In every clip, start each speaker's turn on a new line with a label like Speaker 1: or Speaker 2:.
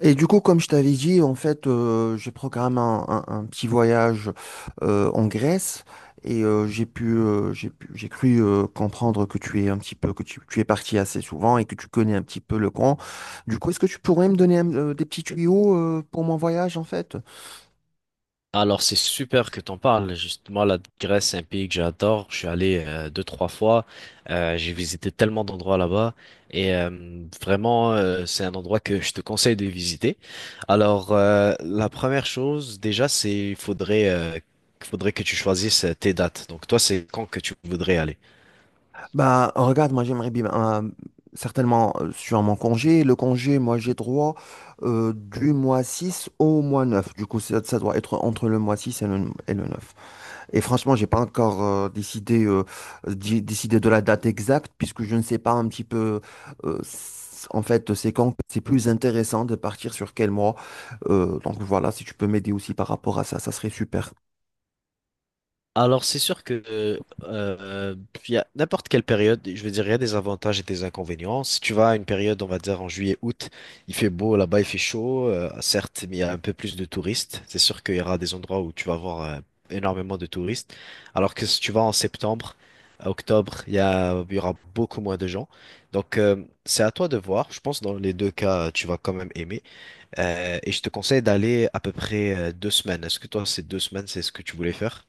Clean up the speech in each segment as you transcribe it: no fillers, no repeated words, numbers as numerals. Speaker 1: Et du coup, comme je t'avais dit, en fait, j'ai programmé un petit voyage en Grèce et j'ai pu, j'ai cru comprendre que tu es un petit peu, tu es parti assez souvent et que tu connais un petit peu le camp. Du coup, est-ce que tu pourrais me donner des petits tuyaux pour mon voyage, en fait?
Speaker 2: Alors, c'est super que t'en parles. Justement, la Grèce, c'est un pays que j'adore. Je suis allé deux, trois fois. J'ai visité tellement d'endroits là-bas. Et euh, Vraiment, c'est un endroit que je te conseille de visiter. Alors, la première chose, déjà, c'est il faudrait, faudrait que tu choisisses tes dates. Donc, toi, c'est quand que tu voudrais aller?
Speaker 1: Bah, regarde, moi, j'aimerais bien, certainement, sur mon congé, le congé, moi, j'ai droit du mois 6 au mois 9. Du coup, ça doit être entre le mois 6 et et le 9. Et franchement, j'ai pas encore décidé, décidé de la date exacte, puisque je ne sais pas un petit peu, en fait, c'est quand c'est plus intéressant de partir sur quel mois. Donc voilà, si tu peux m'aider aussi par rapport à ça, ça serait super.
Speaker 2: Alors, c'est sûr que il y a n'importe quelle période, je veux dire, il y a des avantages et des inconvénients. Si tu vas à une période, on va dire en juillet, août, il fait beau, là-bas il fait chaud, certes, mais il y a un peu plus de touristes. C'est sûr qu'il y aura des endroits où tu vas avoir énormément de touristes. Alors que si tu vas en septembre, à octobre, il y aura beaucoup moins de gens. Donc, c'est à toi de voir. Je pense que dans les deux cas, tu vas quand même aimer. Et je te conseille d'aller à peu près deux semaines. Est-ce que toi, ces deux semaines, c'est ce que tu voulais faire?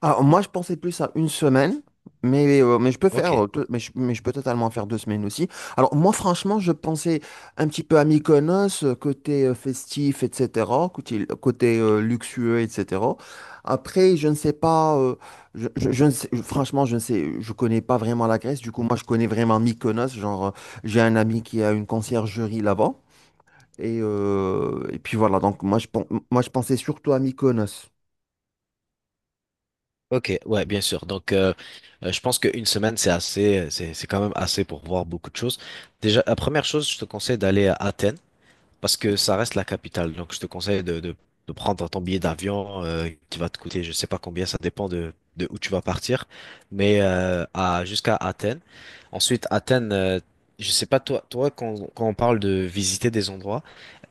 Speaker 1: Alors, moi, je pensais plus à une semaine, mais je peux
Speaker 2: Ok.
Speaker 1: faire, mais je peux totalement faire 2 semaines aussi. Alors, moi, franchement, je pensais un petit peu à Mykonos, côté festif, etc., côté luxueux, etc. Après, je ne sais pas, je ne sais- je- franchement, je ne sais, je connais pas vraiment la Grèce. Du coup, moi, je connais vraiment Mykonos. Genre, j'ai un ami qui a une conciergerie là-bas. Et puis voilà, donc moi, je pensais surtout à Mykonos.
Speaker 2: Ok, ouais, bien sûr. Donc, je pense qu'une semaine, c'est assez, c'est quand même assez pour voir beaucoup de choses. Déjà, la première chose, je te conseille d'aller à Athènes parce que ça reste la capitale. Donc, je te conseille de prendre ton billet d'avion qui va te coûter, je sais pas combien, ça dépend de où tu vas partir, mais jusqu'à Athènes. Ensuite, Athènes, je sais pas toi, quand on parle de visiter des endroits,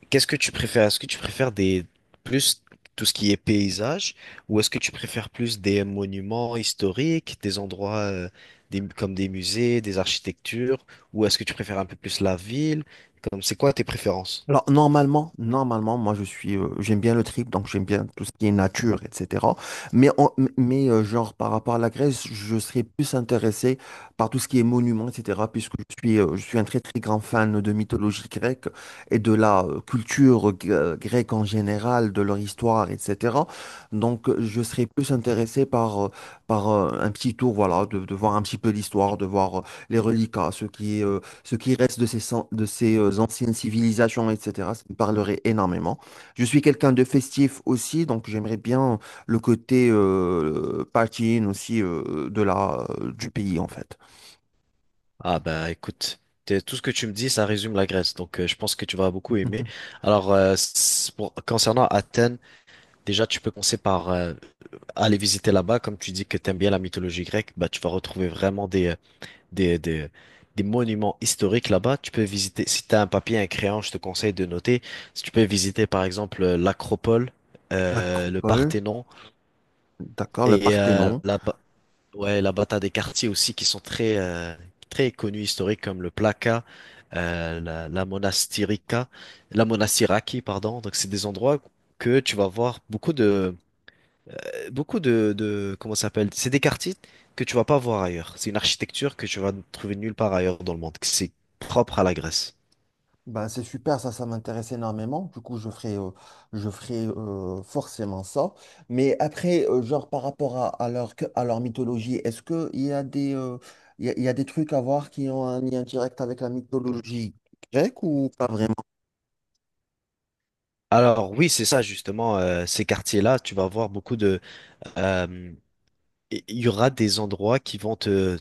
Speaker 2: qu'est-ce que tu préfères? Est-ce que tu préfères des plus tout ce qui est paysage ou est-ce que tu préfères plus des monuments historiques, des endroits comme des musées, des architectures ou est-ce que tu préfères un peu plus la ville? Comme c'est quoi tes préférences?
Speaker 1: Alors normalement, normalement, moi je suis, j'aime bien le trip, donc j'aime bien tout ce qui est nature, etc. Mais genre par rapport à la Grèce, je serais plus intéressé par tout ce qui est monuments, etc. Puisque je suis un très très grand fan de mythologie grecque et de la grecque en général, de leur histoire, etc. Donc je serais plus intéressé par un petit tour, voilà, de voir un petit peu l'histoire, de voir les reliquats, ce qui reste de ces anciennes civilisations, etc. Ça me parlerait énormément. Je suis quelqu'un de festif aussi, donc j'aimerais bien le côté partying aussi du pays, en fait.
Speaker 2: Ah bah écoute, tout ce que tu me dis, ça résume la Grèce, donc je pense que tu vas beaucoup aimer. Alors concernant Athènes, déjà tu peux commencer par aller visiter là-bas, comme tu dis que t'aimes bien la mythologie grecque, bah tu vas retrouver vraiment des, des, des monuments historiques là-bas. Tu peux visiter, si tu as un papier, un crayon, je te conseille de noter. Si tu peux visiter par exemple l'Acropole, le
Speaker 1: L'Acropole,
Speaker 2: Parthénon
Speaker 1: d'accord, le
Speaker 2: et euh,
Speaker 1: Parthénon.
Speaker 2: la, ba- ouais, là-bas, t'as des quartiers aussi qui sont très connus historiques comme le Plaka, la Monastirica, la Monastiraki, pardon. Donc, c'est des endroits que tu vas voir beaucoup de, comment ça s'appelle? C'est des quartiers que tu vas pas voir ailleurs. C'est une architecture que tu vas trouver nulle part ailleurs dans le monde. Que C'est propre à la Grèce.
Speaker 1: Ben, c'est super, ça m'intéresse énormément. Du coup, je ferai forcément ça. Mais après, genre par rapport à, à leur mythologie, est-ce que il y a des, il y a des trucs à voir qui ont un lien direct avec la mythologie grecque ou pas vraiment?
Speaker 2: Alors oui, c'est ça justement. Ces quartiers-là, tu vas voir beaucoup de. euh, Il y aura des endroits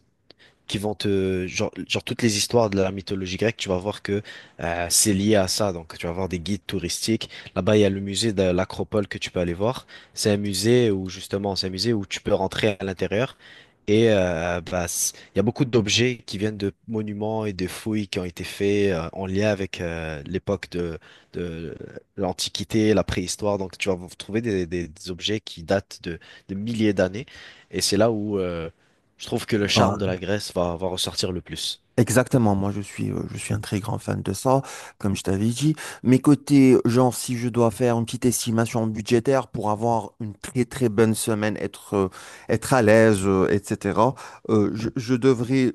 Speaker 2: qui vont te genre toutes les histoires de la mythologie grecque, tu vas voir que c'est lié à ça. Donc tu vas voir des guides touristiques. Là-bas, il y a le musée de l'Acropole que tu peux aller voir. C'est un musée où justement, c'est un musée où tu peux rentrer à l'intérieur. Il y a beaucoup d'objets qui viennent de monuments et de fouilles qui ont été faits en lien avec l'époque de l'Antiquité, la préhistoire. Donc tu vas trouver des objets qui datent de milliers d'années. Et c'est là où je trouve que le charme de la Grèce va ressortir le plus.
Speaker 1: Exactement, moi je suis un très grand fan de ça, comme je t'avais dit. Mais côté, genre, si je dois faire une petite estimation budgétaire pour avoir une très très bonne semaine, être, être à l'aise, etc., euh, je, je devrais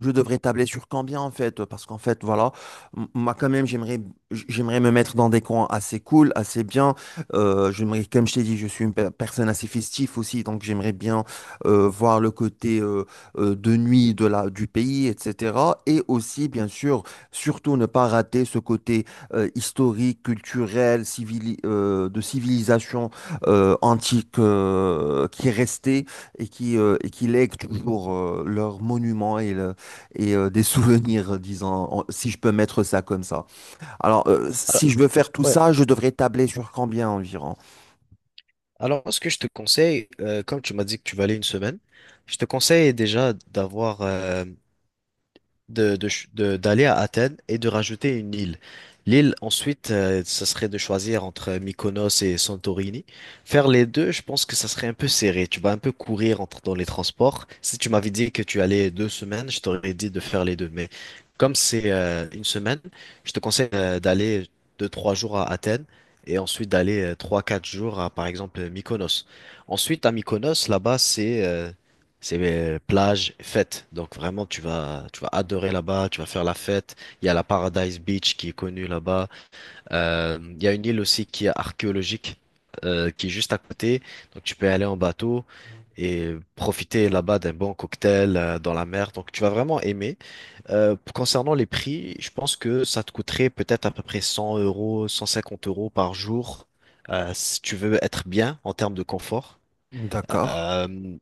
Speaker 1: je devrais tabler sur combien en fait? Parce qu'en fait, voilà, moi quand même, j'aimerais, j'aimerais me mettre dans des coins assez cool, assez bien. J'aimerais, comme je t'ai dit, je suis une personne assez festive aussi, donc j'aimerais bien voir le côté de nuit du pays, etc. Et aussi, bien sûr, surtout ne pas rater ce côté historique, culturel, de civilisation antique qui est resté et qui lèguent toujours leurs monuments des souvenirs, disons, si je peux mettre ça comme ça. Alors, si
Speaker 2: Alors,
Speaker 1: je veux faire tout
Speaker 2: ouais.
Speaker 1: ça, je devrais tabler sur combien environ?
Speaker 2: Alors, ce que je te conseille, comme tu m'as dit que tu vas aller une semaine, je te conseille déjà d'avoir d'aller à Athènes et de rajouter une île. L'île, ensuite, ce serait de choisir entre Mykonos et Santorini. Faire les deux, je pense que ça serait un peu serré. Tu vas un peu courir entre, dans les transports. Si tu m'avais dit que tu allais deux semaines, je t'aurais dit de faire les deux. Mais comme c'est une semaine, je te conseille d'aller deux, trois jours à Athènes et ensuite d'aller trois, quatre jours à, par exemple, Mykonos. Ensuite, à Mykonos, là-bas, c'est plage, fête. Donc vraiment, tu vas adorer là-bas, tu vas faire la fête. Il y a la Paradise Beach qui est connue là-bas. Il y a une île aussi qui est archéologique, qui est juste à côté. Donc tu peux aller en bateau et profiter là-bas d'un bon cocktail dans la mer. Donc tu vas vraiment aimer. Concernant les prix, je pense que ça te coûterait peut-être à peu près 100 euros, 150 euros par jour, si tu veux être bien en termes de confort.
Speaker 1: D'accord.
Speaker 2: Euh,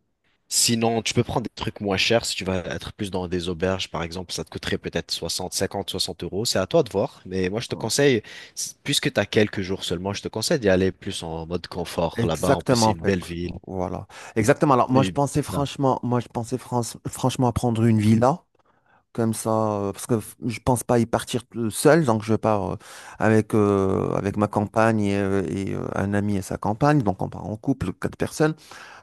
Speaker 2: Sinon, tu peux prendre des trucs moins chers. Si tu vas être plus dans des auberges, par exemple, ça te coûterait peut-être 60, 50, 60 euros. C'est à toi de voir. Mais moi, je te conseille, puisque tu as quelques jours seulement, je te conseille d'y aller plus en mode confort là-bas. En plus,
Speaker 1: Exactement,
Speaker 2: c'est
Speaker 1: en
Speaker 2: une
Speaker 1: fait.
Speaker 2: belle ville.
Speaker 1: Voilà. Exactement. Alors, moi, je
Speaker 2: Et
Speaker 1: pensais
Speaker 2: c'est ça.
Speaker 1: franchement, moi, je pensais franchement à prendre une villa, comme ça, je pense pas y partir tout seul, donc je pars avec, avec ma compagne et un ami et sa compagne, donc on part en couple, quatre personnes.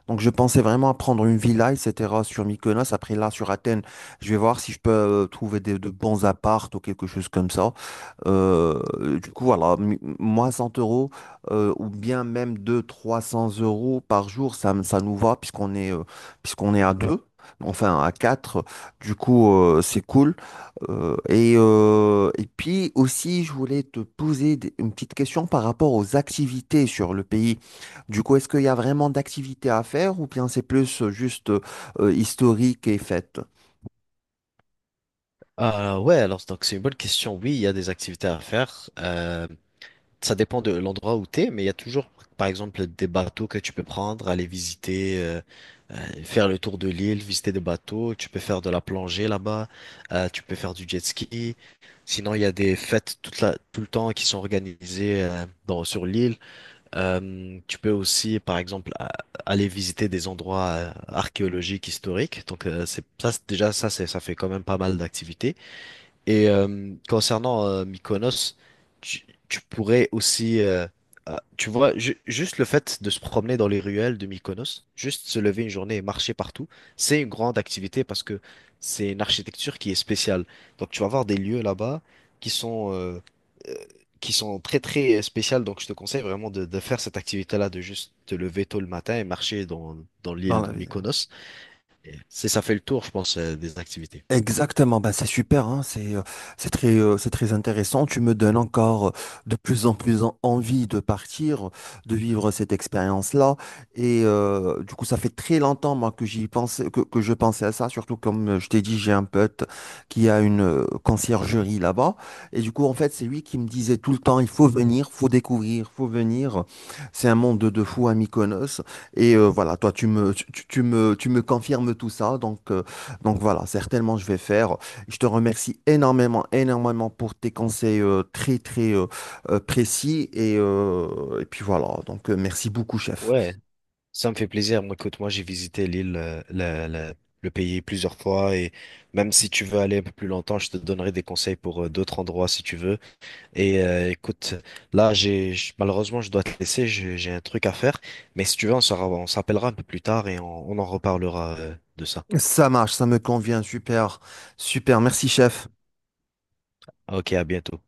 Speaker 1: Donc, je pensais vraiment à prendre une villa, etc., sur Mykonos. Après, là, sur Athènes, je vais voir si je peux trouver de bons apparts ou quelque chose comme ça. Euh, du coup, voilà, moi, 100 € ou bien même 200, 300 € par jour, ça, ça nous va puisqu'on est à deux, enfin à quatre. Du coup, c'est cool. Et puis aussi, je voulais te poser une petite question par rapport aux activités sur le pays. Du coup, est-ce qu'il y a vraiment d'activités à faire ou bien c'est plus juste historique et fête
Speaker 2: Ah ouais, alors donc c'est une bonne question. Oui, il y a des activités à faire. Ça dépend de l'endroit où tu es, mais il y a toujours, par exemple, des bateaux que tu peux prendre, aller visiter. Faire le tour de l'île, visiter des bateaux, tu peux faire de la plongée là-bas, tu peux faire du jet ski. Sinon, il y a des fêtes tout le temps qui sont organisées sur l'île. Tu peux aussi, par exemple, aller visiter des endroits archéologiques, historiques. Donc, déjà, ça fait quand même pas mal d'activités. Et concernant Mykonos, tu pourrais aussi, ah, tu vois, juste le fait de se promener dans les ruelles de Mykonos, juste se lever une journée et marcher partout, c'est une grande activité parce que c'est une architecture qui est spéciale. Donc tu vas avoir des lieux là-bas qui sont, euh, euh, qui sont très très spéciales. Donc je te conseille vraiment de faire cette activité-là, de juste te lever tôt le matin et marcher dans, dans
Speaker 1: dans
Speaker 2: l'île
Speaker 1: la
Speaker 2: de
Speaker 1: ville?
Speaker 2: Mykonos. C'est ça fait le tour, je pense, des activités.
Speaker 1: Exactement, bah c'est super, hein, c'est très intéressant. Tu me donnes encore de plus en plus envie de partir, de vivre cette expérience-là. Et du coup, ça fait très longtemps moi que j'y pensais, que je pensais à ça. Surtout comme je t'ai dit, j'ai un pote qui a une conciergerie là-bas. Et du coup, en fait, c'est lui qui me disait tout le temps, il faut venir, faut découvrir, faut venir. C'est un monde de fou à Mykonos. Et voilà, toi, tu me tu, tu- tu me confirmes tout ça, donc voilà, certainement je vais faire. Je te remercie énormément, énormément pour tes conseils très précis. Et puis voilà, donc merci beaucoup, chef.
Speaker 2: Ouais. Ça me fait plaisir. Moi, écoute, moi, j'ai visité l'île, le pays plusieurs fois et même si tu veux aller un peu plus longtemps, je te donnerai des conseils pour d'autres endroits si tu veux. Et écoute, là, malheureusement, je dois te laisser. J'ai un truc à faire. Mais si tu veux, on s'appellera un peu plus tard et on en reparlera de ça.
Speaker 1: Ça marche, ça me convient, super, super. Merci, chef.
Speaker 2: Ok, à bientôt.